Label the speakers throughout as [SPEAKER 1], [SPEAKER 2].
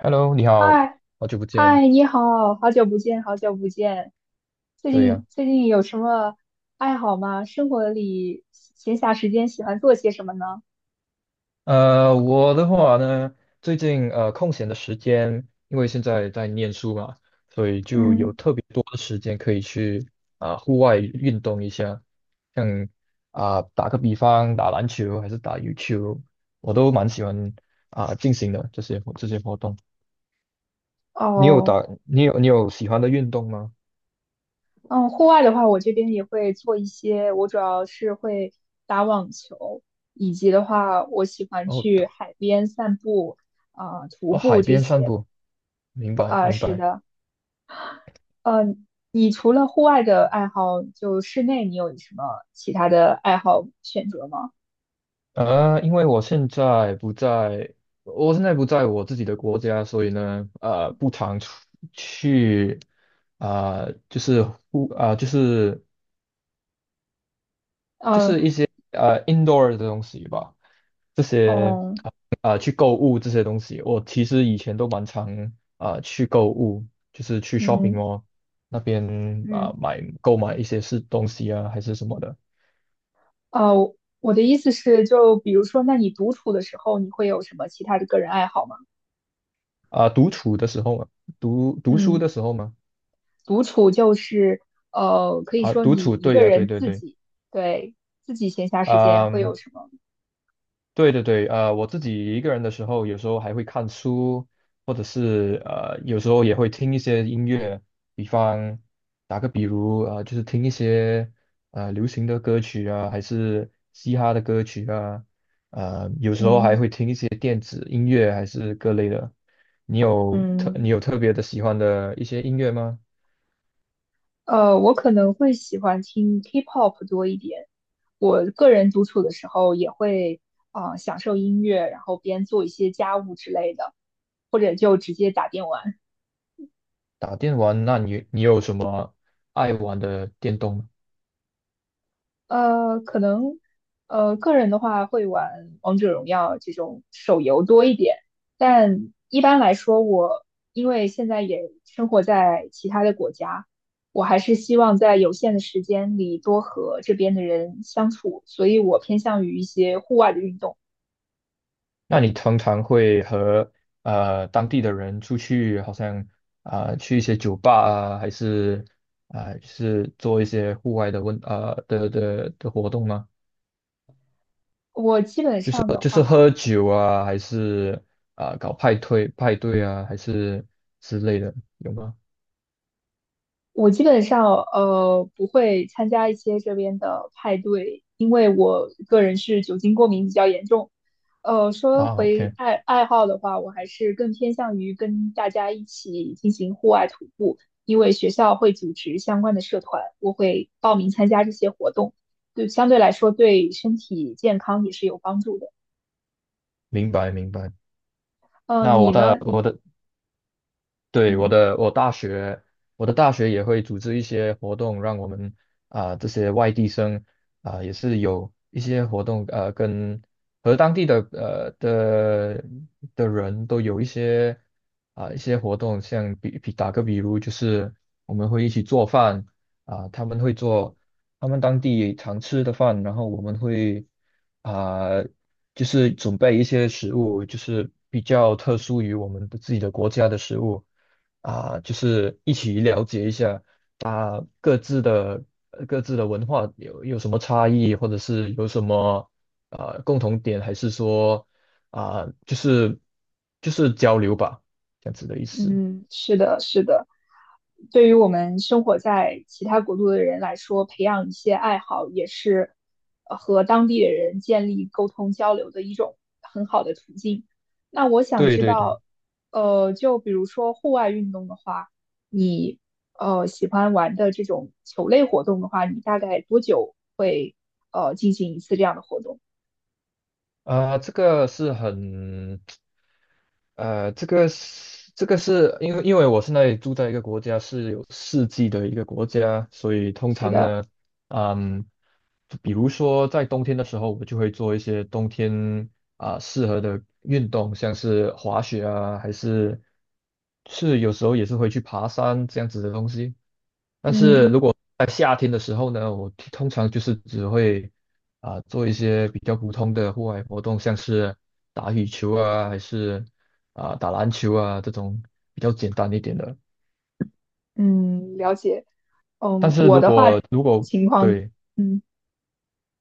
[SPEAKER 1] Hello，你好，
[SPEAKER 2] 嗨
[SPEAKER 1] 好久不见。
[SPEAKER 2] 嗨，你好，好久不见，好久不见。最
[SPEAKER 1] 对呀，
[SPEAKER 2] 近最近有什么爱好吗？生活里闲暇时间喜欢做些什么呢？
[SPEAKER 1] 我的话呢，最近空闲的时间，因为现在在念书嘛，
[SPEAKER 2] 嗯。
[SPEAKER 1] 多的时间可以去户外运动一下，像打个比方，打篮球还是打羽球，我都蛮喜欢进行的这些活动。你有
[SPEAKER 2] 哦。
[SPEAKER 1] 打你有你有喜欢的运动吗？
[SPEAKER 2] 嗯。户外的话，我这边也会做一些，我主要是会打网球，以及的话，我喜欢
[SPEAKER 1] 哦，
[SPEAKER 2] 去海边散步，徒
[SPEAKER 1] 哦，
[SPEAKER 2] 步
[SPEAKER 1] 海
[SPEAKER 2] 这
[SPEAKER 1] 边散
[SPEAKER 2] 些。
[SPEAKER 1] 步，明白明
[SPEAKER 2] 是
[SPEAKER 1] 白。
[SPEAKER 2] 的，嗯、你除了户外的爱好，就室内你有什么其他的爱好选择吗？
[SPEAKER 1] 因为我现在不在，我现在不在我自己的国家，所以呢，不常出去，就是啊、就是就是
[SPEAKER 2] 嗯。
[SPEAKER 1] 一呃 indoor 的东西吧，
[SPEAKER 2] 哦。
[SPEAKER 1] 去购物这些东西，我其实以前都蛮常去购物，就是去 shopping
[SPEAKER 2] 嗯
[SPEAKER 1] mall 那边
[SPEAKER 2] 嗯。
[SPEAKER 1] 购买一些是东西啊，还是什么的。
[SPEAKER 2] 呃，我的意思是，就比如说，那你独处的时候，你会有什么其他的个人爱好吗？
[SPEAKER 1] 独处的时候嘛，读读书
[SPEAKER 2] 嗯，
[SPEAKER 1] 的时候嘛，
[SPEAKER 2] 独处就是，可以说
[SPEAKER 1] 独
[SPEAKER 2] 你
[SPEAKER 1] 处，
[SPEAKER 2] 一
[SPEAKER 1] 对
[SPEAKER 2] 个
[SPEAKER 1] 呀、对
[SPEAKER 2] 人
[SPEAKER 1] 对
[SPEAKER 2] 自
[SPEAKER 1] 对。
[SPEAKER 2] 己，对，自己闲暇时间
[SPEAKER 1] 啊，
[SPEAKER 2] 会有什么？
[SPEAKER 1] 对对对，我自己一个人的时候，有时候还会看书，或者是有时候也会听一些音乐，比方打个比如，就是听一些流行的歌曲啊，还是嘻哈的歌曲啊，有时候还
[SPEAKER 2] 嗯
[SPEAKER 1] 会听一些电子音乐，还是各类的。
[SPEAKER 2] 嗯。
[SPEAKER 1] 你有特别的喜欢的一些音乐吗？
[SPEAKER 2] 我可能会喜欢听 K-pop 多一点。我个人独处的时候也会，享受音乐，然后边做一些家务之类的，或者就直接打电玩。
[SPEAKER 1] 打电玩，那你有什么爱玩的电动吗？
[SPEAKER 2] 可能个人的话会玩王者荣耀这种手游多一点，但一般来说我，因为现在也生活在其他的国家，我还是希望在有限的时间里多和这边的人相处，所以我偏向于一些户外的运动。
[SPEAKER 1] 那你通常会和当地的人出去，好像去一些酒吧啊，还是是做一些户外的的活动吗？
[SPEAKER 2] 我基本上的
[SPEAKER 1] 就是
[SPEAKER 2] 话。
[SPEAKER 1] 喝酒啊，还是搞派对啊，还是之类的，有吗？
[SPEAKER 2] 我基本上不会参加一些这边的派对，因为我个人是酒精过敏比较严重。说
[SPEAKER 1] 啊
[SPEAKER 2] 回
[SPEAKER 1] ，OK，
[SPEAKER 2] 爱好的话，我还是更偏向于跟大家一起进行户外徒步，因为学校会组织相关的社团，我会报名参加这些活动，对，相对来说对身体健康也是有帮助的。
[SPEAKER 1] 明白明白。那
[SPEAKER 2] 你
[SPEAKER 1] 我的
[SPEAKER 2] 呢？
[SPEAKER 1] 我的对，我
[SPEAKER 2] 嗯
[SPEAKER 1] 的我大学，我的大学也会组织一些活动，让我们这些外地生也是有一些活动，和当地的的人都有一些活动，像打个比如，就是我们会一起做饭他们会做他们当地常吃的饭，然后我们会啊、就是准备一些食物，就是比较特殊于我们的自己的国家的食物。就是一起了解一下啊各自的各自的文化有什么差异，或者是有什么共同点，还是说啊就是就是交流吧，这样子的意思。
[SPEAKER 2] 嗯。是的，是的。对于我们生活在其他国度的人来说，培养一些爱好也是和当地的人建立沟通交流的一种很好的途径。那我想
[SPEAKER 1] 对
[SPEAKER 2] 知
[SPEAKER 1] 对对，
[SPEAKER 2] 道，就比如说户外运动的话，喜欢玩的这种球类活动的话，你大概多久会进行一次这样的活动？
[SPEAKER 1] 这个是很呃，这个是因为我现在住在一个国家是有四季的一个国家，所以通
[SPEAKER 2] 是
[SPEAKER 1] 常
[SPEAKER 2] 的。
[SPEAKER 1] 呢，嗯，就比如说在冬天的时候，我就会做一些冬天适合的运动，像是滑雪啊，还是有时候也是会去爬山这样子的东西。
[SPEAKER 2] 嗯
[SPEAKER 1] 在夏天的时候呢，我通常就是只会做一些比较普通的户外活动，像是打羽球啊，还是打篮球啊这种比较简单一点的。
[SPEAKER 2] 嗯。了解。
[SPEAKER 1] 但是
[SPEAKER 2] 我
[SPEAKER 1] 如
[SPEAKER 2] 的话
[SPEAKER 1] 果如果
[SPEAKER 2] 情况，
[SPEAKER 1] 对，
[SPEAKER 2] 嗯。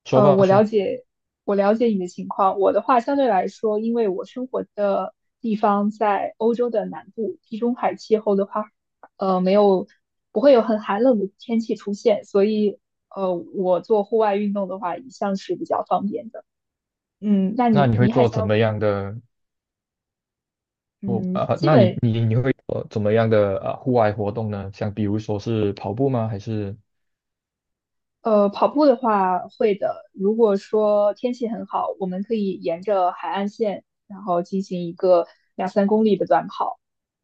[SPEAKER 1] 说
[SPEAKER 2] 呃，
[SPEAKER 1] 吧
[SPEAKER 2] 我了
[SPEAKER 1] 说，
[SPEAKER 2] 解，我了解你的情况。我的话相对来说，因为我生活的地方在欧洲的南部，地中海气候的话，没有，不会有很寒冷的天气出现，所以，我做户外运动的话，一向是比较方便的。那
[SPEAKER 1] 那
[SPEAKER 2] 你
[SPEAKER 1] 你会
[SPEAKER 2] 你还
[SPEAKER 1] 做怎
[SPEAKER 2] 想，
[SPEAKER 1] 么样的？
[SPEAKER 2] 嗯，基
[SPEAKER 1] 那你
[SPEAKER 2] 本
[SPEAKER 1] 你你会做怎么样的户外活动呢？像比如说是跑步吗？还是
[SPEAKER 2] 跑步的话会的。如果说天气很好，我们可以沿着海岸线，然后进行一个2、3公里的短跑。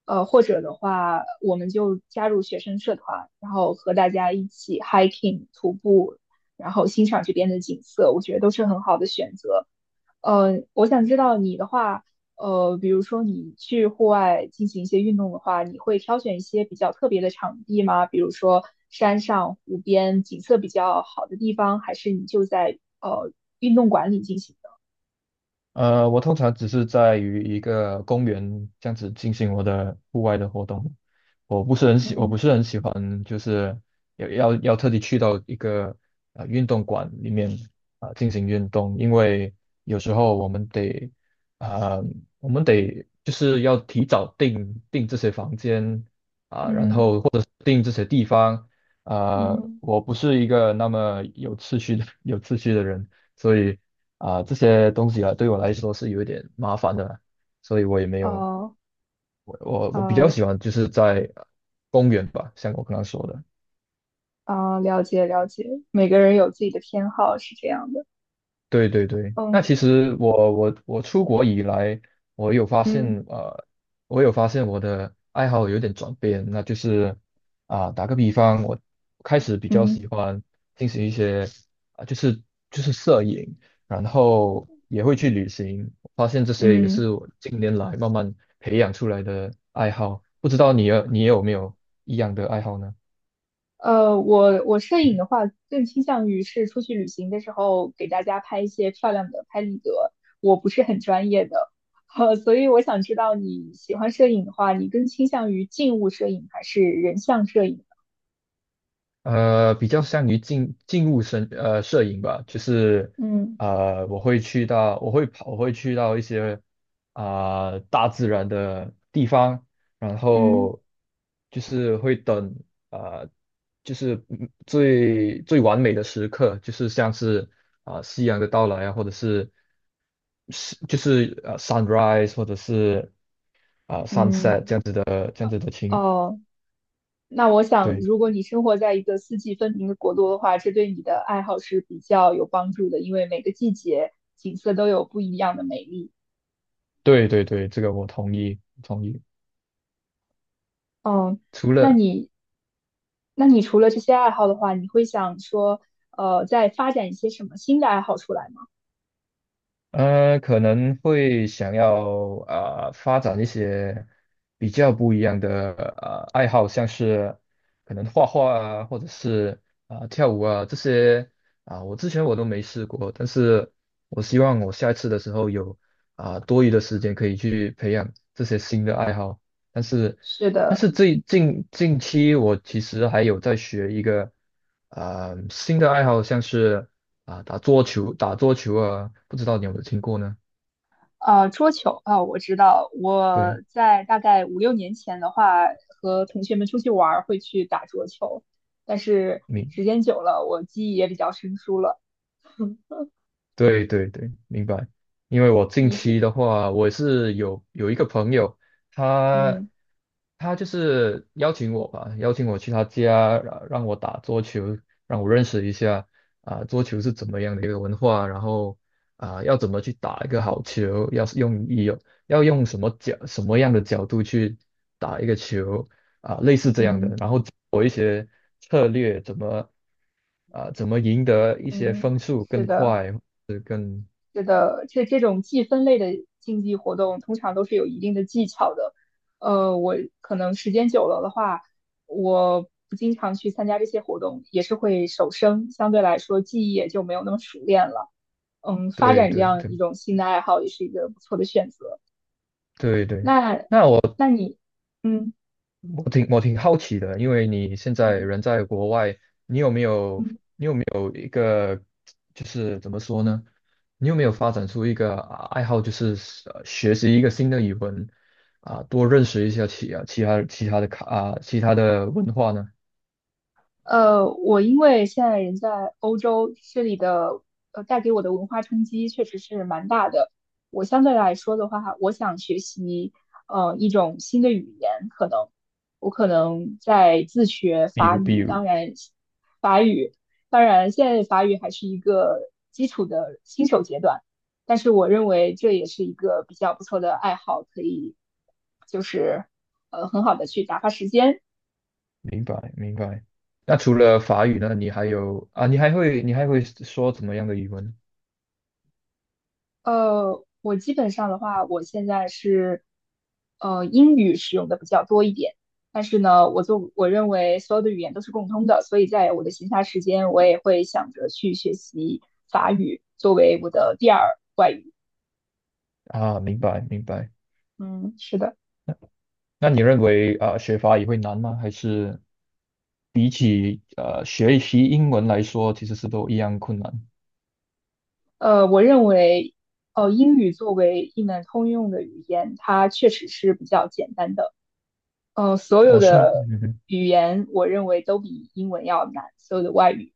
[SPEAKER 2] 或者的话，我们就加入学生社团，然后和大家一起 hiking 徒步，然后欣赏这边的景色，我觉得都是很好的选择。我想知道你的话，比如说你去户外进行一些运动的话，你会挑选一些比较特别的场地吗？比如说山上、湖边，景色比较好的地方，还是你就在运动馆里进行的？
[SPEAKER 1] 我通常只是在于一个公园这样子进行我的户外的活动，我不
[SPEAKER 2] 嗯
[SPEAKER 1] 是很喜欢，就是要特地去到一个运动馆里面进行运动，因为有时候啊、呃我们得就是要提早订这些房间然
[SPEAKER 2] 嗯
[SPEAKER 1] 后或者是订这些地方，啊，
[SPEAKER 2] 嗯。
[SPEAKER 1] 我不是一个那么有秩序的 有秩序的人。所以这些东西啊，对我来说是有一点麻烦的啦，所以我也没有，
[SPEAKER 2] 哦。
[SPEAKER 1] 我比较
[SPEAKER 2] 啊
[SPEAKER 1] 喜欢就是在公园吧，像我刚刚说的。
[SPEAKER 2] 啊，了解了解，每个人有自己的偏好，是这样的。
[SPEAKER 1] 对对对，那其
[SPEAKER 2] 嗯
[SPEAKER 1] 实我出国以来，我有发
[SPEAKER 2] 嗯
[SPEAKER 1] 现呃，我有发现我的爱好有点转变，那就是打个比方，我开
[SPEAKER 2] 嗯
[SPEAKER 1] 始比较
[SPEAKER 2] 嗯
[SPEAKER 1] 喜欢进行一些啊、就是就是摄影，然后也会去旅行，发现这些也
[SPEAKER 2] 嗯。
[SPEAKER 1] 是我近年来慢慢培养出来的爱好。不知道你有没有一样的爱好呢？
[SPEAKER 2] 我摄影的话，更倾向于是出去旅行的时候给大家拍一些漂亮的拍立得，我不是很专业的，所以我想知道你喜欢摄影的话，你更倾向于静物摄影还是人像摄影？
[SPEAKER 1] 比较善于进入摄影吧，就是
[SPEAKER 2] 嗯
[SPEAKER 1] 我会去到一些大自然的地方，然
[SPEAKER 2] 嗯
[SPEAKER 1] 后就是会等呃，就是最完美的时刻，就是像是夕阳的到来啊，或者是sunrise 或者是sunset 这
[SPEAKER 2] 嗯。
[SPEAKER 1] 样子的情，
[SPEAKER 2] 哦。那我想，
[SPEAKER 1] 对
[SPEAKER 2] 如果你生活在一个四季分明的国度的话，这对你的爱好是比较有帮助的，因为每个季节景色都有不一样的美丽。
[SPEAKER 1] 对对对，这个我同意同意。
[SPEAKER 2] 哦。
[SPEAKER 1] 除
[SPEAKER 2] 那
[SPEAKER 1] 了
[SPEAKER 2] 你，那你除了这些爱好的话，你会想说，再发展一些什么新的爱好出来吗？
[SPEAKER 1] 可能会想要发展一些比较不一样的爱好，像是可能画画啊，或者是跳舞啊这些我之前都没试过，但是我希望我下一次的时候有多余的时间可以去培养这些新的爱好，但是。
[SPEAKER 2] 是
[SPEAKER 1] 但
[SPEAKER 2] 的。
[SPEAKER 1] 是最近近期，我其实还有在学一个新的爱好，像是打桌球啊，不知道你有没有听过呢？
[SPEAKER 2] 桌球啊，我知道，我
[SPEAKER 1] 对，
[SPEAKER 2] 在大概5、6年前的话，和同学们出去玩儿会去打桌球，但是
[SPEAKER 1] 你
[SPEAKER 2] 时间久了，我记忆也比较生疏了。
[SPEAKER 1] 对对对，明白。因为我近
[SPEAKER 2] 你是，
[SPEAKER 1] 期的话，我有一个朋友，他
[SPEAKER 2] 嗯
[SPEAKER 1] 他就是邀请我吧，邀请我去他家，让我打桌球，让我认识一下桌球是怎么样的一个文化，然后要怎么去打一个好球，要是用意有要用什么什么样的角度去打一个球类似这样的，
[SPEAKER 2] 嗯
[SPEAKER 1] 然后策略怎么赢得一些
[SPEAKER 2] 嗯。
[SPEAKER 1] 分数
[SPEAKER 2] 是
[SPEAKER 1] 更
[SPEAKER 2] 的。
[SPEAKER 1] 快，
[SPEAKER 2] 是的，这种计分类的竞技活动通常都是有一定的技巧的。我可能时间久了的话，我不经常去参加这些活动，也是会手生，相对来说记忆也就没有那么熟练了。发
[SPEAKER 1] 对
[SPEAKER 2] 展这
[SPEAKER 1] 对
[SPEAKER 2] 样
[SPEAKER 1] 对。
[SPEAKER 2] 一种新的爱好也是一个不错的选择。
[SPEAKER 1] 对对，
[SPEAKER 2] 那，
[SPEAKER 1] 那我
[SPEAKER 2] 那你，嗯
[SPEAKER 1] 我挺我挺好奇的，因为你现在
[SPEAKER 2] 嗯。
[SPEAKER 1] 人在国外，你有没有
[SPEAKER 2] 嗯。
[SPEAKER 1] 你有没有一个就是怎么说呢？你有没有发展出一个爱好，就是学习一个新的语文啊，多认识一下其啊其他其他的卡啊其他的文化呢？
[SPEAKER 2] 我因为现在人在欧洲，这里的带给我的文化冲击确实是蛮大的。我相对来说的话，我想学习一种新的语言，可能我可能在自学
[SPEAKER 1] 比
[SPEAKER 2] 法
[SPEAKER 1] 如比
[SPEAKER 2] 语，
[SPEAKER 1] 如，
[SPEAKER 2] 法语，当然现在法语还是一个基础的新手阶段，但是我认为这也是一个比较不错的爱好，可以就是很好的去打发时间。
[SPEAKER 1] 明白明白。那除了法语呢，你还有啊，你还会说怎么样的语文
[SPEAKER 2] 我基本上的话，我现在是英语使用的比较多一点，但是呢，我认为所有的语言都是共通的，所以在我的闲暇时间，我也会想着去学习法语作为我的第二外语。
[SPEAKER 1] 啊？明白明白。
[SPEAKER 2] 嗯，是的。
[SPEAKER 1] 那你认为学法语会难吗？还是学习英文来说，其实是都一样困难。
[SPEAKER 2] 我认为英语作为一门通用的语言，它确实是比较简单的。所有
[SPEAKER 1] 哦，是吗？
[SPEAKER 2] 的
[SPEAKER 1] 嗯哼，
[SPEAKER 2] 语言我认为都比英文要难，所有的外语。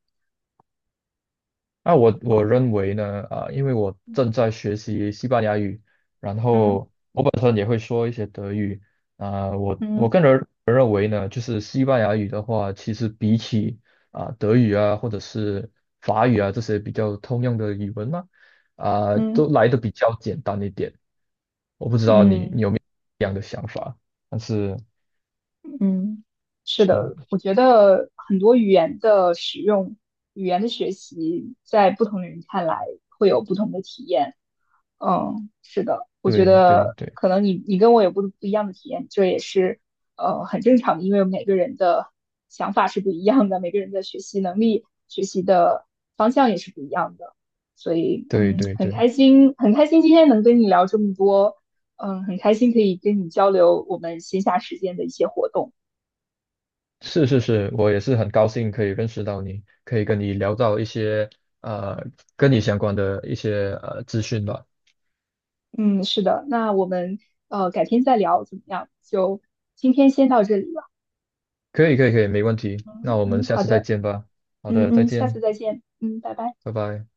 [SPEAKER 1] 那我认为呢，因为我
[SPEAKER 2] 嗯
[SPEAKER 1] 正在学习西班牙语，然后我本身也会说一些德语，我
[SPEAKER 2] 嗯
[SPEAKER 1] 我个
[SPEAKER 2] 嗯。
[SPEAKER 1] 人认为呢，就是西班牙语的话，其实比起德语啊或者是法语啊这些比较通用的语文呢、都
[SPEAKER 2] 嗯
[SPEAKER 1] 来的比较简单一点。我不知道你
[SPEAKER 2] 嗯。
[SPEAKER 1] 有没有这样的想法，但是
[SPEAKER 2] 嗯，是的，
[SPEAKER 1] 是
[SPEAKER 2] 我觉得很多语言的使用、语言的学习，在不同的人看来会有不同的体验。嗯，是的，我觉
[SPEAKER 1] 对对
[SPEAKER 2] 得
[SPEAKER 1] 对
[SPEAKER 2] 可能你跟我有不一样的体验，这也是很正常的，因为每个人的想法是不一样的，每个人的学习能力、学习的方向也是不一样的，所以
[SPEAKER 1] 对对
[SPEAKER 2] 很
[SPEAKER 1] 对。
[SPEAKER 2] 开心，很开心今天能跟你聊这么多，很开心可以跟你交流我们闲暇时间的一些活动。
[SPEAKER 1] 是是是，我也是很高兴可以认识到你，可以跟你聊到一些呃跟你相关的一些资讯吧。
[SPEAKER 2] 嗯，是的，那我们改天再聊怎么样？就今天先到这里了。
[SPEAKER 1] 可以可以可以，没问题。那我们
[SPEAKER 2] 嗯，
[SPEAKER 1] 下
[SPEAKER 2] 好
[SPEAKER 1] 次再
[SPEAKER 2] 的，
[SPEAKER 1] 见吧。好
[SPEAKER 2] 嗯
[SPEAKER 1] 的，再
[SPEAKER 2] 嗯，下次
[SPEAKER 1] 见，
[SPEAKER 2] 再见。嗯，拜拜。
[SPEAKER 1] 拜拜。